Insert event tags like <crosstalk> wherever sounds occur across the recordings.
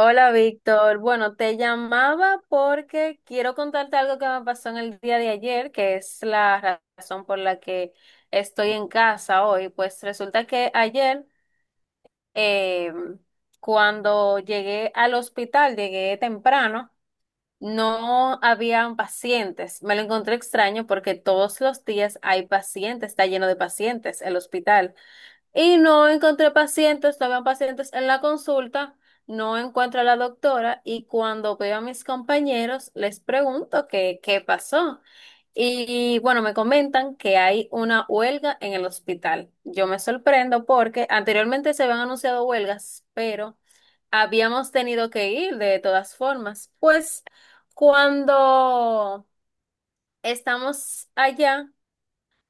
Hola Víctor, bueno, te llamaba porque quiero contarte algo que me pasó en el día de ayer, que es la razón por la que estoy en casa hoy. Pues resulta que ayer, eh, cuando llegué al hospital, llegué temprano, no habían pacientes. Me lo encontré extraño porque todos los días hay pacientes, está lleno de pacientes el hospital. Y no encontré pacientes, no habían pacientes en la consulta, no encuentro a la doctora y cuando veo a mis compañeros les pregunto qué pasó. Y bueno, me comentan que hay una huelga en el hospital. Yo me sorprendo porque anteriormente se habían anunciado huelgas, pero habíamos tenido que ir de todas formas. Pues cuando estamos allá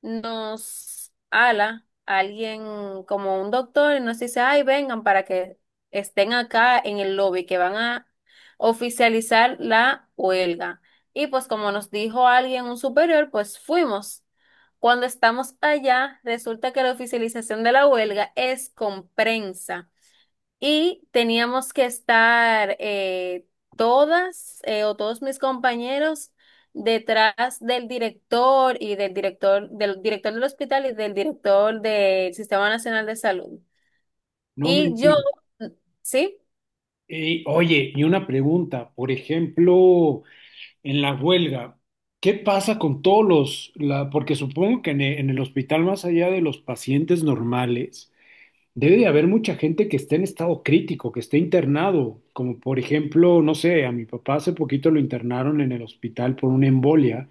nos ala alguien como un doctor y nos dice, ay, vengan para que estén acá en el lobby, que van a oficializar la huelga. Y pues como nos dijo alguien, un superior, pues fuimos. Cuando estamos allá, resulta que la oficialización de la huelga es con prensa. Y teníamos que estar todas o todos mis compañeros detrás del director y del director, del director del hospital y del director del Sistema Nacional de Salud. No Y me yo, digas. mm, ¿sí? Oye, y una pregunta, por ejemplo, en la huelga, ¿qué pasa con todos porque supongo que en el hospital, más allá de los pacientes normales, debe de haber mucha gente que esté en estado crítico, que esté internado, como por ejemplo, no sé, a mi papá hace poquito lo internaron en el hospital por una embolia,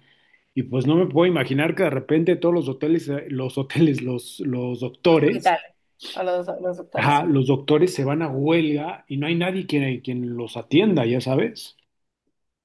y pues no me puedo imaginar que de repente todos los hoteles, los hoteles, los doctores. Hospital, a los doctores. Ajá, Sí. los doctores se van a huelga y no hay nadie quien los atienda, ya sabes.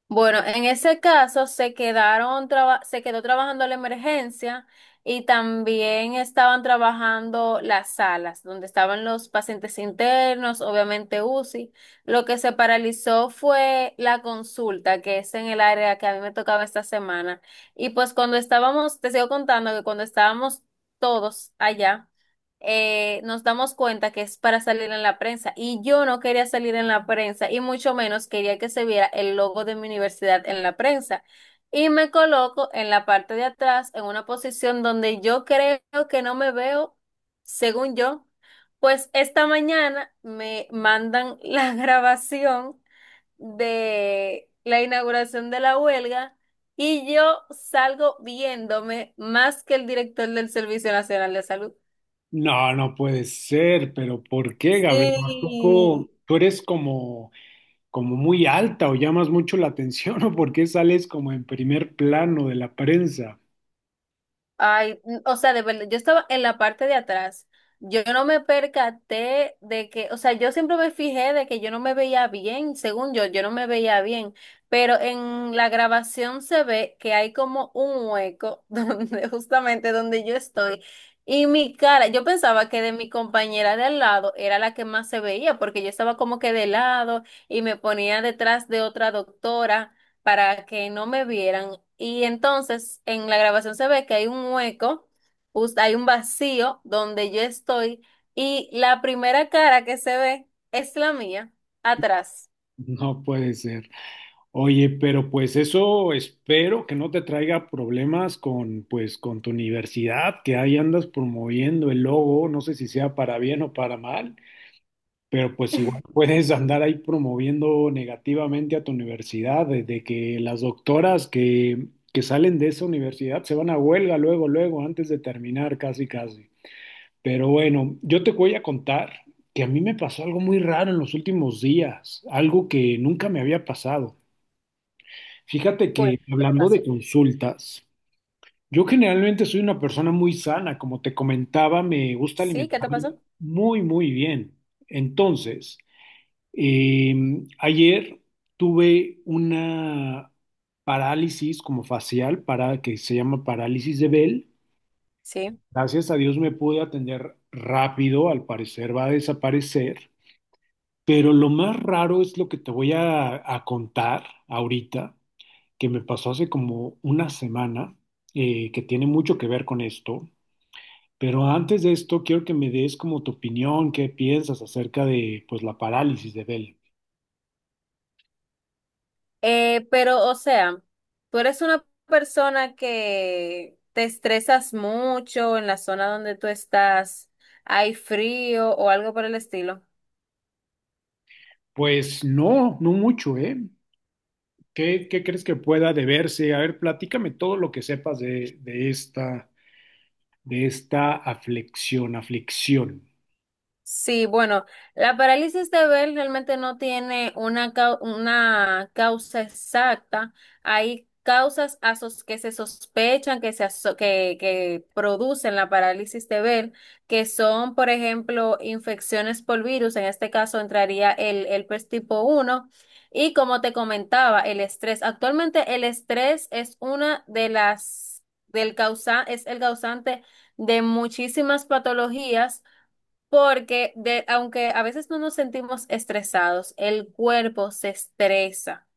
Bueno, en ese caso se quedaron se quedó trabajando la emergencia y también estaban trabajando las salas donde estaban los pacientes internos, obviamente UCI. Lo que se paralizó fue la consulta, que es en el área que a mí me tocaba esta semana. Y pues cuando estábamos, te sigo contando que cuando estábamos todos allá nos damos cuenta que es para salir en la prensa. Y yo no quería salir en la prensa y mucho menos quería que se viera el logo de mi universidad en la prensa. Y me coloco en la parte de atrás, en una posición donde yo creo que no me veo, según yo. Pues esta mañana me mandan la <laughs> grabación de la inauguración de la huelga y yo salgo viéndome más que el director del Servicio Nacional de Salud. No, no puede ser, pero ¿por qué, Gabriel? ¿A poco Sí, tú eres como, como muy alta o llamas mucho la atención <laughs> o por qué sales como en primer plano de la prensa? ay, n- o sea, de verdad, yo estaba en la parte de atrás. Yo no me percaté de que, o sea, yo siempre me fijé de que yo no me veía bien, según yo, yo no me veía bien, pero en la grabación se ve que hay como un hueco <laughs> donde justamente donde yo estoy y mi cara, yo pensaba que de mi compañera de al lado era la que más se veía porque yo estaba como que de lado y me ponía detrás de otra doctora para que no me vieran. Y entonces en la grabación se ve que hay un hueco, hay un vacío donde yo estoy y la primera cara que se ve es la mía, atrás. No puede ser. Oye, pero pues eso espero que no te traiga problemas con, pues, con tu universidad, que ahí andas promoviendo el logo, no sé si sea para bien o para mal. Pero pues igual puedes andar ahí promoviendo negativamente a tu universidad, desde que las doctoras que salen de esa universidad se van a huelga luego, luego, antes de terminar, casi, casi. Pero bueno, yo te voy a contar que a mí me pasó algo muy raro en los últimos días, algo que nunca me había pasado. Fíjate Bueno, que ¿qué te hablando de pasó? consultas, yo generalmente soy una persona muy sana, como te comentaba, me gusta Sí, ¿qué te alimentarme pasó? muy, muy bien. Entonces… Eh, ayer tuve una parálisis como facial para que se llama parálisis de Bell. Sí. Gracias a Dios me pude atender rápido, al parecer va a desaparecer, pero lo más raro es lo que te a contar ahorita, que me pasó hace como una semana, que tiene mucho que ver con esto. Pero antes de esto, quiero que me des como tu opinión, qué piensas acerca de pues la parálisis de Bell. Pero, o sea, tú eres una persona que te estresas mucho, en la zona donde tú estás, hay frío o algo por el estilo. Pues no, no mucho, ¿eh? ¿Qué, qué crees que pueda deberse? A ver, platícame todo lo que sepas de esta, aflicción. Sí, bueno, la parálisis de Bell realmente no tiene una, una causa exacta. Hay que se sospechan que producen la parálisis de Bell, que son, por ejemplo, infecciones por virus. En este caso entraría el herpes tipo uno. Y como te comentaba, el estrés. Actualmente el estrés es una del causa, es el causante de muchísimas patologías porque aunque a veces no nos sentimos estresados, el cuerpo se estresa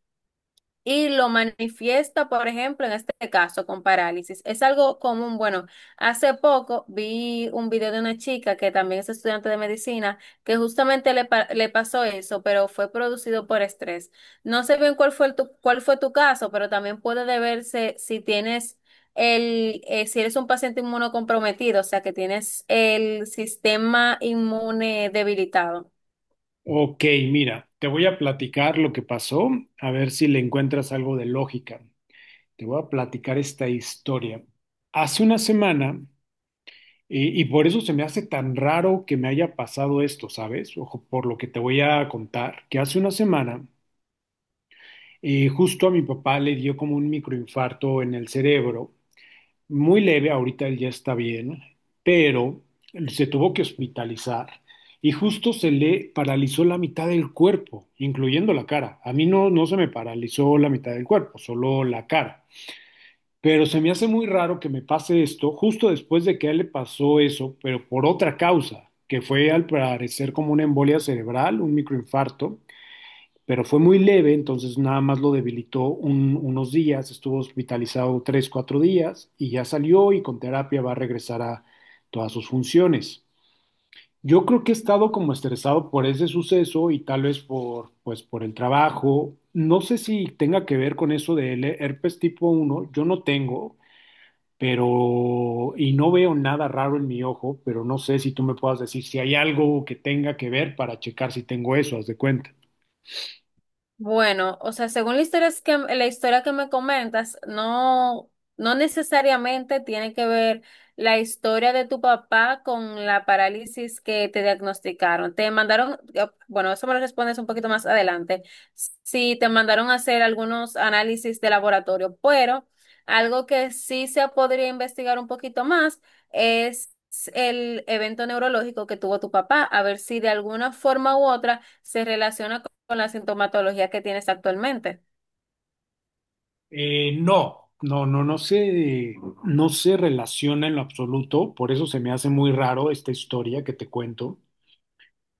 y lo manifiesta, por ejemplo, en este caso con parálisis. Es algo común. Bueno, hace poco vi un video de una chica que también es estudiante de medicina, que justamente le pasó eso, pero fue producido por estrés. No sé bien cuál fue tu caso, pero también puede deberse si tienes si eres un paciente inmunocomprometido, o sea, que tienes el sistema inmune debilitado. Ok, mira, te voy a platicar lo que pasó, a ver si le encuentras algo de lógica. Te voy a platicar esta historia. Hace una semana, y por eso se me hace tan raro que me haya pasado esto, ¿sabes? Ojo, por lo que te voy a contar, que hace una semana justo a mi papá le dio como un microinfarto en el cerebro, muy leve, ahorita él ya está bien, pero se tuvo que hospitalizar y justo se le paralizó la mitad del cuerpo, incluyendo la cara. A mí no, no se me paralizó la mitad del cuerpo, solo la cara. Pero se me hace muy raro que me pase esto justo después de que a él le pasó eso, pero por otra causa, que fue al parecer como una embolia cerebral, un microinfarto, pero fue muy leve, entonces nada más lo debilitó unos días, estuvo hospitalizado tres, cuatro días y ya salió y con terapia va a regresar a todas sus funciones. Yo creo que he estado como estresado por ese suceso y tal vez por, pues, por el trabajo. No sé si tenga que ver con eso del herpes tipo uno. Yo no tengo, pero y no veo nada raro en mi ojo, pero no sé si tú me puedas decir si hay algo que tenga que ver para checar si tengo eso, haz de cuenta. Bueno, o sea, según la historia es que, la historia que me comentas, no, no necesariamente tiene que ver la historia de tu papá con la parálisis que te diagnosticaron. Te mandaron, bueno, eso me lo respondes un poquito más adelante, si te mandaron a hacer algunos análisis de laboratorio, pero algo que sí se podría investigar un poquito más es el evento neurológico que tuvo tu papá, a ver si de alguna forma u otra se relaciona con la sintomatología que tienes actualmente. No, no se relaciona en lo absoluto, por eso se me hace muy raro esta historia que te cuento.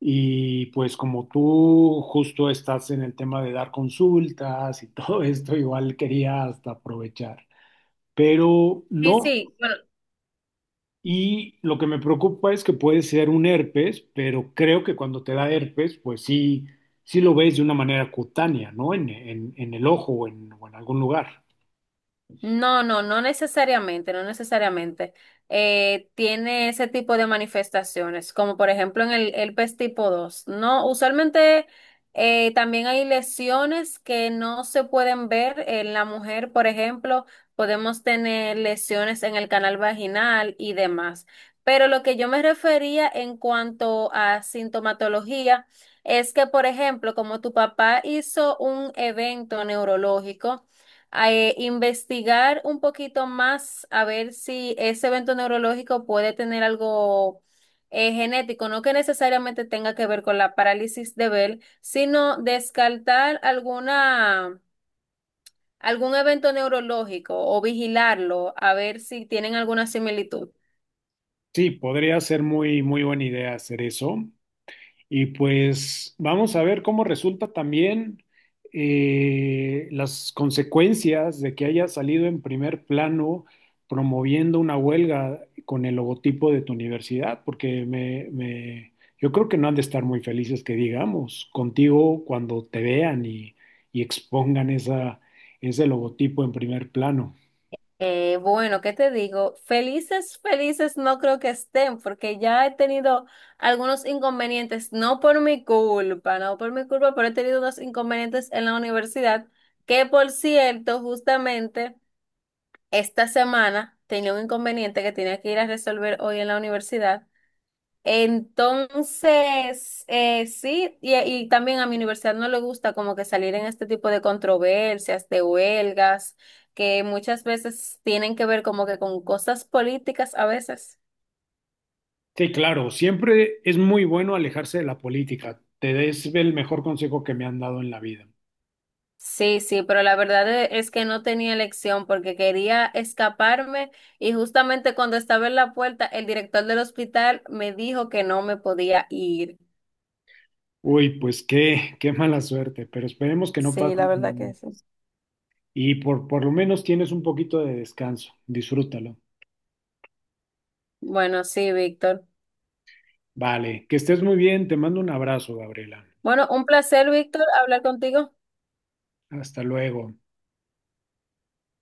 Y pues como tú justo estás en el tema de dar consultas y <laughs> todo esto, igual quería hasta aprovechar, pero Sí, no. sí, bueno, Y lo que me preocupa es que puede ser un herpes, pero creo que cuando te da herpes, pues sí, sí lo ves de una manera cutánea, ¿no? En el ojo o en algún lugar. no, no, no necesariamente, no necesariamente. Tiene ese tipo de manifestaciones, como por ejemplo en el tipo dos. No, usualmente también hay lesiones que no se pueden ver en la mujer, por ejemplo, podemos tener lesiones en el canal vaginal y demás. Pero lo que yo me refería en cuanto a sintomatología es que, por ejemplo, como tu papá hizo un evento neurológico, investigar un poquito más a ver si ese evento neurológico puede tener algo genético, no que necesariamente tenga que ver con la parálisis de Bell, sino descartar alguna, algún evento neurológico o vigilarlo a ver si tienen alguna similitud. Sí, podría ser muy, muy buena idea hacer eso. Y pues vamos a ver cómo resulta también las consecuencias de que haya salido en primer plano promoviendo una huelga con el logotipo de tu universidad, porque yo creo que no han de estar muy felices que digamos contigo cuando te vean y expongan esa, ese logotipo en primer plano. Bueno, ¿qué te digo? Felices, felices no creo que estén, porque ya he tenido algunos inconvenientes, no por mi culpa, no por mi culpa, pero he tenido unos inconvenientes en la universidad, que por cierto, justamente esta semana tenía un inconveniente que tenía que ir a resolver hoy en la universidad. Entonces, sí, y también a mi universidad no le gusta como que salir en este tipo de controversias, de huelgas, que muchas veces tienen que ver como que con cosas políticas a veces. Sí, claro, siempre es muy bueno alejarse de la política. Te es el mejor consejo que me han dado en la vida. Sí, sí, pero la verdad es que no tenía elección porque quería escaparme y justamente cuando estaba en la puerta, el director del hospital me dijo que no me podía ir. Uy, pues qué, qué mala suerte, pero esperemos que no Sí, pase. la verdad que sí. Y por lo menos tienes un poquito de descanso, disfrútalo. Bueno, sí, Víctor. Vale, que estés muy bien, te mando un abrazo, Gabriela. Bueno, un placer, Víctor, hablar contigo. Hasta luego.